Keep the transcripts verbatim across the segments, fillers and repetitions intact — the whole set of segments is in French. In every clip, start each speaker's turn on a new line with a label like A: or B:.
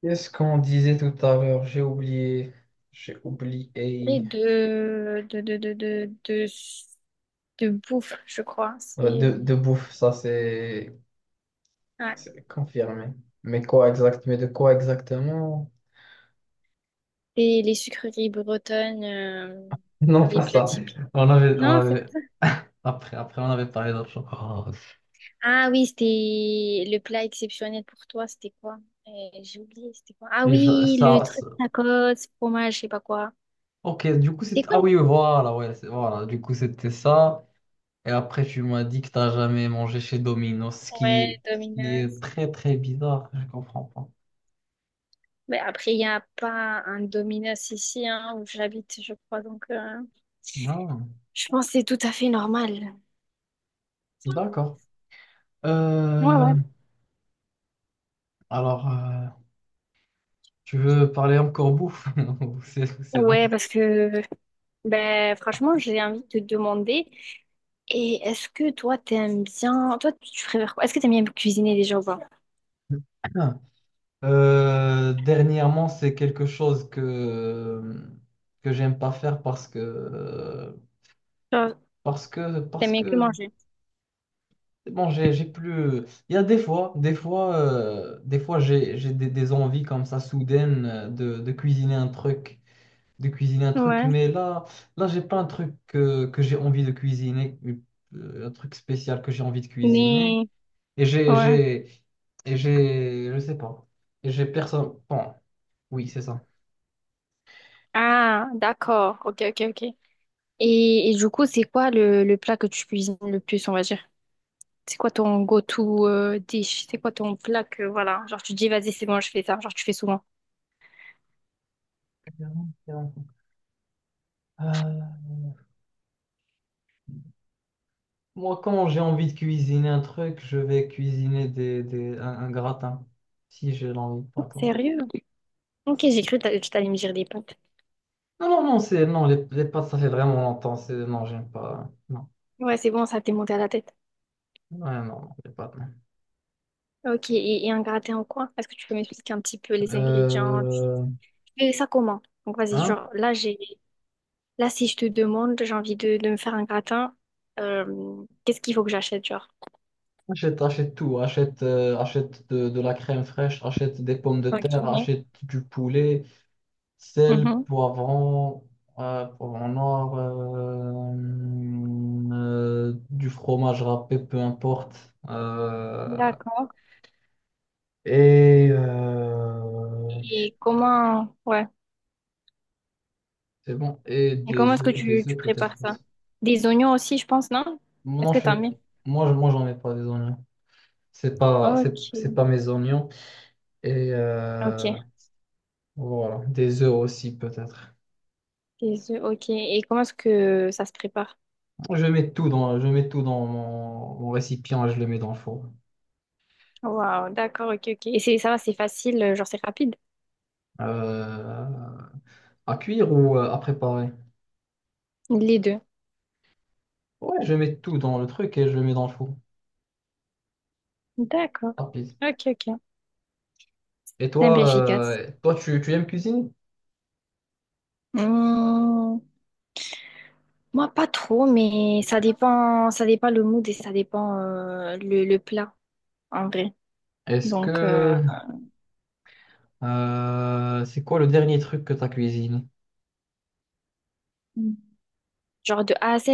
A: Qu'est-ce qu'on disait tout à l'heure? J'ai oublié. J'ai oublié.
B: Et de, de, de, de, de, de, de bouffe, je crois.
A: Euh,
B: C'est
A: De, de bouffe, ça c'est
B: Ouais.
A: c'est confirmé. Mais quoi exact? Mais de quoi exactement?
B: Et les sucreries bretonnes, euh,
A: Non,
B: les
A: pas
B: plats
A: ça.
B: typiques.
A: On avait, on
B: Non, c'est pas
A: avait,
B: ça.
A: après, après, on avait parlé d'autre chose. Oh,
B: Ah oui, c'était le plat exceptionnel pour toi, c'était quoi? Euh, j'ai oublié, c'était quoi? Ah
A: et je-
B: oui, le
A: ça,
B: truc
A: ça-
B: tacos, fromage, je sais pas quoi.
A: ok, du coup, c'était.
B: C'était quoi?
A: Ah oui, oui, voilà, ouais, c'est- voilà. Du coup, c'était ça. Et après, tu m'as dit que t'as jamais mangé chez Domino's, ce qui,
B: Ouais,
A: ce qui est
B: Domino's.
A: très, très bizarre. Je comprends pas.
B: Mais après, il n'y a pas un Domino's ici, hein, où j'habite, je crois. Donc, euh,
A: Non,
B: je pense que c'est tout à fait normal.
A: d'accord.
B: Ouais,
A: Euh,
B: ouais.
A: Alors, euh, tu veux parler encore bouffe? Ou C'est c'est bon.
B: Ouais, parce que Ben, franchement, j'ai envie de te demander, et est-ce que toi, t'aimes bien, toi, tu préfères quoi? Est-ce que t'aimes bien cuisiner déjà ou pas?
A: Euh, dernièrement, c'est quelque chose que que j'aime pas faire parce que
B: Genre,
A: parce que parce
B: t'aimes bien que
A: que
B: manger?
A: bon, j'ai j'ai plus. Il y a des fois, des fois, euh, des fois, j'ai j'ai des, des envies comme ça soudaines euh, de, de cuisiner un truc, de cuisiner un truc.
B: Ouais.
A: Mais là, là, j'ai pas un truc que que j'ai envie de cuisiner, euh, un truc spécial que j'ai envie de cuisiner.
B: Mais,
A: Et j'ai,
B: ouais.
A: j'ai, et j'ai, je sais pas. Et j'ai personne. Bon, oui, c'est ça.
B: Ah, d'accord. Ok, ok, ok. Et, et du coup, c'est quoi le, le plat que tu cuisines le plus, on va dire? C'est quoi ton go-to euh, dish? C'est quoi ton plat que, voilà, genre, tu te dis, vas-y, c'est bon, je fais ça. Genre, tu fais souvent.
A: Euh, Moi, quand j'ai envie de cuisiner un truc, je vais cuisiner des, des, un, un gratin. Si j'ai l'envie, par exemple.
B: Sérieux? Ok, j'ai cru que t'a- que t'allais me dire des pâtes.
A: Non, non, non, c'est, non, les, les pâtes, ça fait vraiment longtemps. C'est, non, j'aime pas. Non,
B: Ouais, c'est bon, ça t'est monté à la tête.
A: ouais, non, non, les pâtes. Non.
B: Ok, et, et un gratin au coin? Est-ce que tu peux m'expliquer un petit peu les ingrédients? Tu
A: Euh,
B: fais ça comment? Donc vas-y,
A: hein?
B: genre là j'ai là si je te demande, j'ai envie de, de me faire un gratin, euh, qu'est-ce qu'il faut que j'achète, genre?
A: Achète, achète tout. Achète, euh, achète de, de la crème fraîche, achète des pommes de terre,
B: Ok.
A: achète du poulet, sel,
B: Mhm.
A: poivron, euh, poivron noir, euh, euh, du fromage râpé, peu importe. Euh,
B: D'accord.
A: et euh,
B: Et comment Ouais.
A: c'est bon. Et
B: Et comment
A: des
B: est-ce que
A: œufs,
B: tu,
A: des
B: tu
A: œufs
B: prépares
A: peut-être
B: ça?
A: aussi.
B: Des oignons aussi, je pense, non? Est-ce
A: Non,
B: que
A: je
B: t'as
A: fais-
B: mis?
A: moi, je- Moi, j'en mets pas des oignons. C'est pas, c'est, c'est pas
B: Ok.
A: mes oignons. Et euh,
B: Ok.
A: voilà, des œufs aussi peut-être.
B: Des œufs, ok. Et comment est-ce que ça se prépare?
A: Je mets tout dans, je mets tout dans mon, mon récipient et je le mets dans le four.
B: Waouh, d'accord, ok, ok. Et c'est ça va, c'est facile, euh, genre c'est rapide.
A: Euh, À cuire ou euh, à préparer?
B: Les deux.
A: Ouais, je mets tout dans le truc et je le mets dans le four.
B: D'accord.
A: Rapide.
B: Ok, ok.
A: Et
B: T'es un peu
A: toi,
B: efficace.
A: euh, toi tu, tu aimes cuisiner?
B: Hum, Moi, pas trop, mais ça dépend, ça dépend le mood et ça dépend euh, le, le plat, en vrai.
A: Est-ce
B: Donc,
A: que
B: euh,
A: euh, C'est quoi le dernier truc que tu as cuisiné?
B: Mm. Genre de A à Z.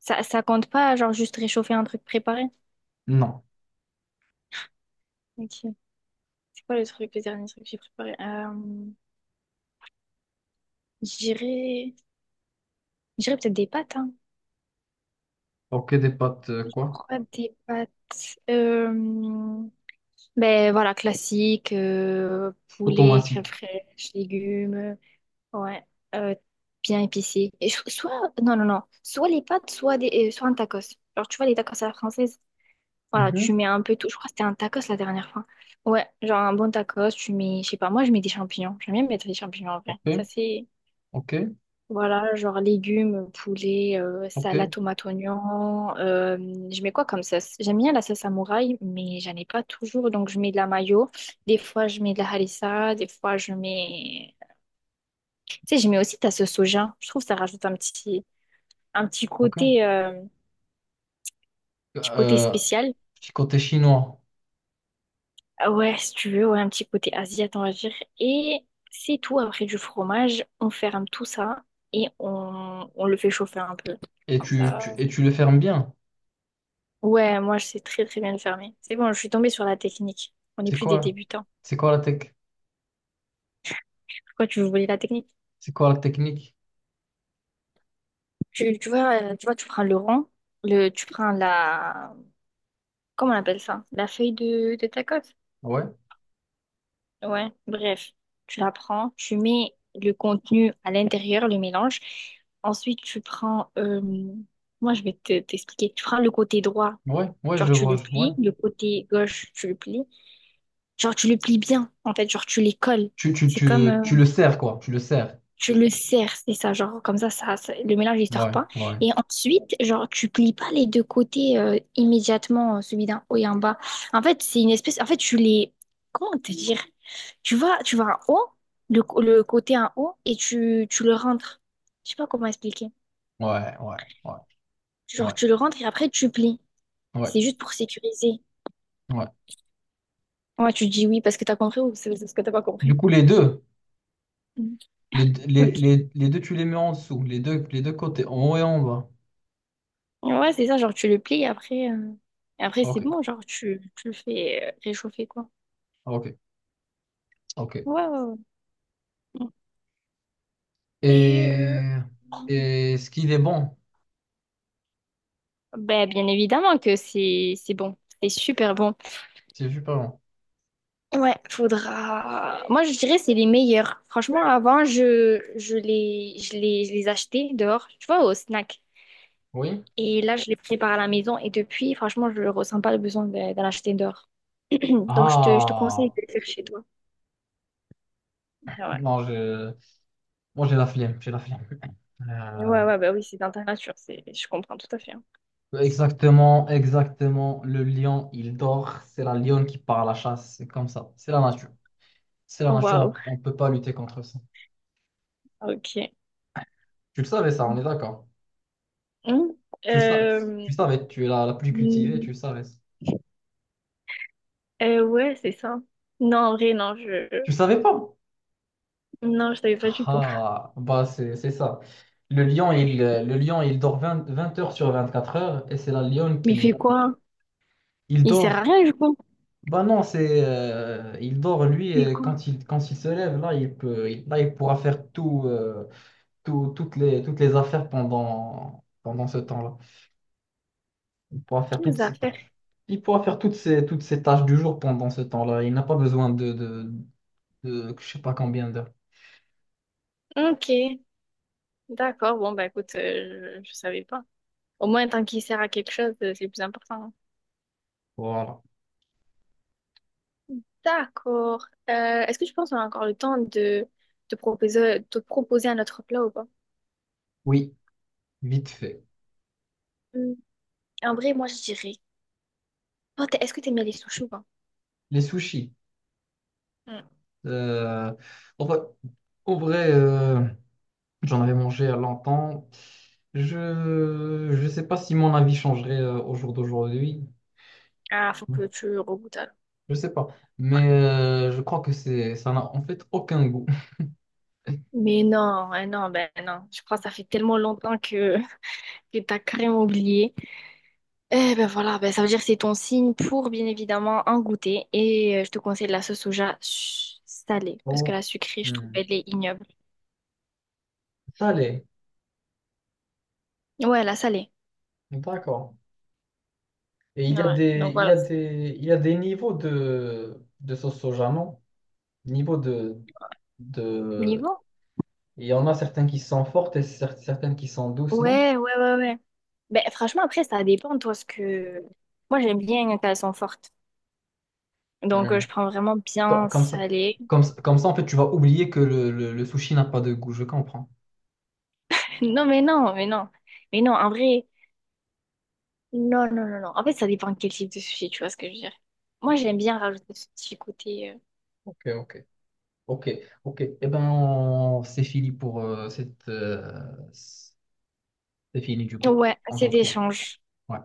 B: Ça, ça compte pas, genre juste réchauffer un truc préparé.
A: Non.
B: Ok. C'est quoi le truc, le dernier truc que j'ai préparé? Euh, j'irais, J'irais peut-être des pâtes, hein.
A: Ok, des pâtes euh,
B: Je
A: quoi?
B: crois des pâtes. Euh, ben voilà, classique, euh, poulet, crème
A: Automatiques.
B: fraîche, légumes. Ouais, euh, bien épicé. Et je- soit, non, non, non. Soit les pâtes, soit, des, euh, soit un tacos. Genre, tu vois, les tacos à la française, voilà, tu
A: Mhm.
B: mets un peu tout. Je crois que c'était un tacos la dernière fois. Ouais, genre un bon tacos, tu mets, je sais pas, moi, je mets des champignons. J'aime bien mettre des champignons en vrai.
A: Ok,
B: Ça, c'est,
A: ok,
B: voilà, genre légumes, poulet, euh,
A: ok,
B: salade, tomate, oignon. Euh, je mets quoi comme sauce? J'aime bien la sauce samouraï, mais j'en ai pas toujours. Donc, je mets de la mayo. Des fois, je mets de la harissa. Des fois, je mets. Tu sais, j'aimais aussi, t'as ce soja. Je trouve que ça rajoute un petit, un petit
A: ok.
B: côté, euh, petit côté
A: Euh,
B: spécial.
A: Petit côté chinois.
B: Ah ouais, si tu veux, ouais, un petit côté asiatique, on va dire. Et c'est tout. Après du fromage, on ferme tout ça et on, on le fait chauffer un peu.
A: Et
B: Comme
A: tu,
B: ça.
A: tu- et tu le fermes bien.
B: Ouais, moi, je sais très, très bien le fermer. C'est bon, je suis tombée sur la technique. On n'est
A: C'est
B: plus des
A: quoi?
B: débutants.
A: C'est quoi la tech?
B: Pourquoi tu veux voler la technique?
A: C'est quoi la technique?
B: Tu, tu vois, euh, tu vois, tu prends le rond, le, tu prends la, comment on appelle ça? La feuille de, de tacos.
A: Ouais,
B: Ouais, bref, tu la prends, tu mets le contenu à l'intérieur, le mélange. Ensuite, tu prends, euh, moi je vais te- t'expliquer. Tu prends le côté droit,
A: ouais, ouais,
B: genre
A: je
B: tu
A: vois.
B: le
A: Je- ouais.
B: plies, le côté gauche, tu le plies. Genre tu le plies bien, en fait, genre tu les colles.
A: Tu, tu,
B: C'est comme,
A: tu,
B: euh,
A: tu le sers quoi? Tu le sers.
B: Tu le serres, c'est ça, genre comme ça, ça, ça- le mélange il sort
A: Ouais,
B: pas.
A: ouais,
B: Et ensuite, genre tu plies pas les deux côtés euh, immédiatement, euh, celui d'un haut et un bas. En fait, c'est une espèce, en fait, tu les, comment te dire? Tu vas, tu vas en haut, le, co- le côté en haut, et tu, tu le rentres. Je sais pas comment expliquer.
A: ouais, ouais, ouais,
B: Genre
A: ouais,
B: tu le rentres et après tu plies.
A: ouais,
B: C'est juste pour sécuriser.
A: ouais.
B: Ouais, tu dis oui parce que t'as compris ou c'est parce que t'as pas
A: Du
B: compris.
A: coup, les deux,
B: Mm.
A: les, les,
B: Ok.
A: les, les deux, tu les mets en dessous, les deux, les deux côtés, en haut et en bas.
B: Ouais, c'est ça, genre tu le plies et après, euh, et après c'est
A: Ok,
B: bon, genre tu, tu le fais euh, réchauffer quoi.
A: ok, ok.
B: Ouais, ouais, ouais. Et euh,
A: Et, et Est-ce qu'il est bon?
B: Ben, bien évidemment que c'est c'est bon. C'est super bon.
A: C'est super bon.
B: Ouais, faudra. Moi, je dirais c'est les meilleurs. Franchement, avant, je, je les, je les, je les achetais dehors, tu vois, au snack.
A: Oui?
B: Et là, je les prépare à la maison. Et depuis, franchement, je ne ressens pas le besoin de- d'en acheter dehors. Donc, je te, je te conseille
A: Ah,
B: de le faire chez toi. Ah, Ouais,
A: non, je, moi j'ai la flemme, j'ai la flemme.
B: ouais,
A: Euh,
B: ouais, bah oui, c'est dans ta nature. C'est, je comprends tout à fait. Hein.
A: Exactement, exactement. Le lion, il dort. C'est la lionne qui part à la chasse. C'est comme ça. C'est la nature. C'est la
B: Oh, Waouh,
A: nature, on ne peut pas lutter contre ça.
B: ok.
A: Tu le savais, ça, on est d'accord.
B: Hmm.
A: Tu, sa- tu,
B: Euh,
A: tu savais, tu es la, la plus cultivée, tu savais.
B: Euh, ouais, c'est ça. Non, en vrai, non, je...
A: Tu savais pas?
B: Non, je savais pas du tout.
A: Ah, bah c'est c'est ça. Le lion, il, euh, le lion, il dort vingt vingt heures sur vingt-quatre heures et c'est la lionne
B: Mais il fait
A: qui...
B: quoi?
A: Il
B: Il sert à
A: dort...
B: rien, du coup.
A: Bah non, c'est... euh, il dort, lui,
B: Il fait
A: et
B: quoi?
A: quand il, quand il se lève, là, il peut, il- là, il pourra faire tout, euh, tout- toutes les, toutes les affaires pendant, pendant ce temps-là. Il pourra faire toutes
B: Quelles
A: ses
B: affaires?
A: tâches. Il pourra faire toutes ses, toutes ses tâches du jour pendant ce temps-là. Il n'a pas besoin de, de, de, je sais pas combien d'heures.
B: Ok, d'accord. Bon, bah écoute, euh, je, je savais pas. Au moins, tant qu'il sert à quelque chose, euh, c'est le plus important.
A: Voilà.
B: D'accord. Euh, est-ce que tu penses qu'on a encore le temps de te proposer, te proposer un autre plat ou pas?
A: Oui, vite fait.
B: Hmm, En vrai, moi, je dirais... Toi, t'es- est-ce que t'aimes bien les sushis ou pas?
A: Les sushis.
B: Hmm.
A: Euh, en vrai, En vrai, euh, j'en avais mangé à longtemps. Je je sais pas si mon avis changerait euh, au jour d'aujourd'hui.
B: Ah, faut que tu regoutes alors.
A: Je sais pas. Mais euh, je crois que c'est ça n'a en fait aucun goût.
B: Mais non, hein, non, ben non. Je crois que ça fait tellement longtemps que... Et t'as carrément oublié. Eh ben voilà, ben ça veut dire que c'est ton signe pour bien évidemment en goûter. Et euh, je te conseille de la sauce soja su- salée. Parce que
A: Oh.
B: la sucrée, je trouve,
A: Hmm.
B: elle est ignoble.
A: Ça.
B: Ouais, la salée.
A: D'accord. Et il y a
B: Ouais,
A: des
B: donc
A: il y
B: voilà.
A: a des il y a des niveaux de de sauce soja, non? Niveau de de.
B: Niveau?
A: Il y en a certaines qui sont fortes et cer- certaines qui sont douces, non?
B: Ouais, ouais, ouais, ouais. Ben franchement, après, ça dépend, toi, ce que. Moi, j'aime bien quand elles sont fortes. Donc, euh,
A: Hmm.
B: je prends vraiment
A: Co-
B: bien
A: Comme ça,
B: salée.
A: comme, comme ça, en fait, tu vas oublier que le, le- le sushi n'a pas de goût. Je comprends.
B: Non, mais non, mais non. Mais non, en vrai, non, non, non, non. En fait, ça dépend de quel type de sushi, tu vois ce que je veux dire. Moi, j'aime bien rajouter ce petit côté. euh,
A: Ok, ok, ok, ok. Eh ben, on- c'est fini pour euh, cette. Euh, c'est Fini du coup.
B: Ouais,
A: On se
B: assez
A: retrouve.
B: d'échanges.
A: Ouais.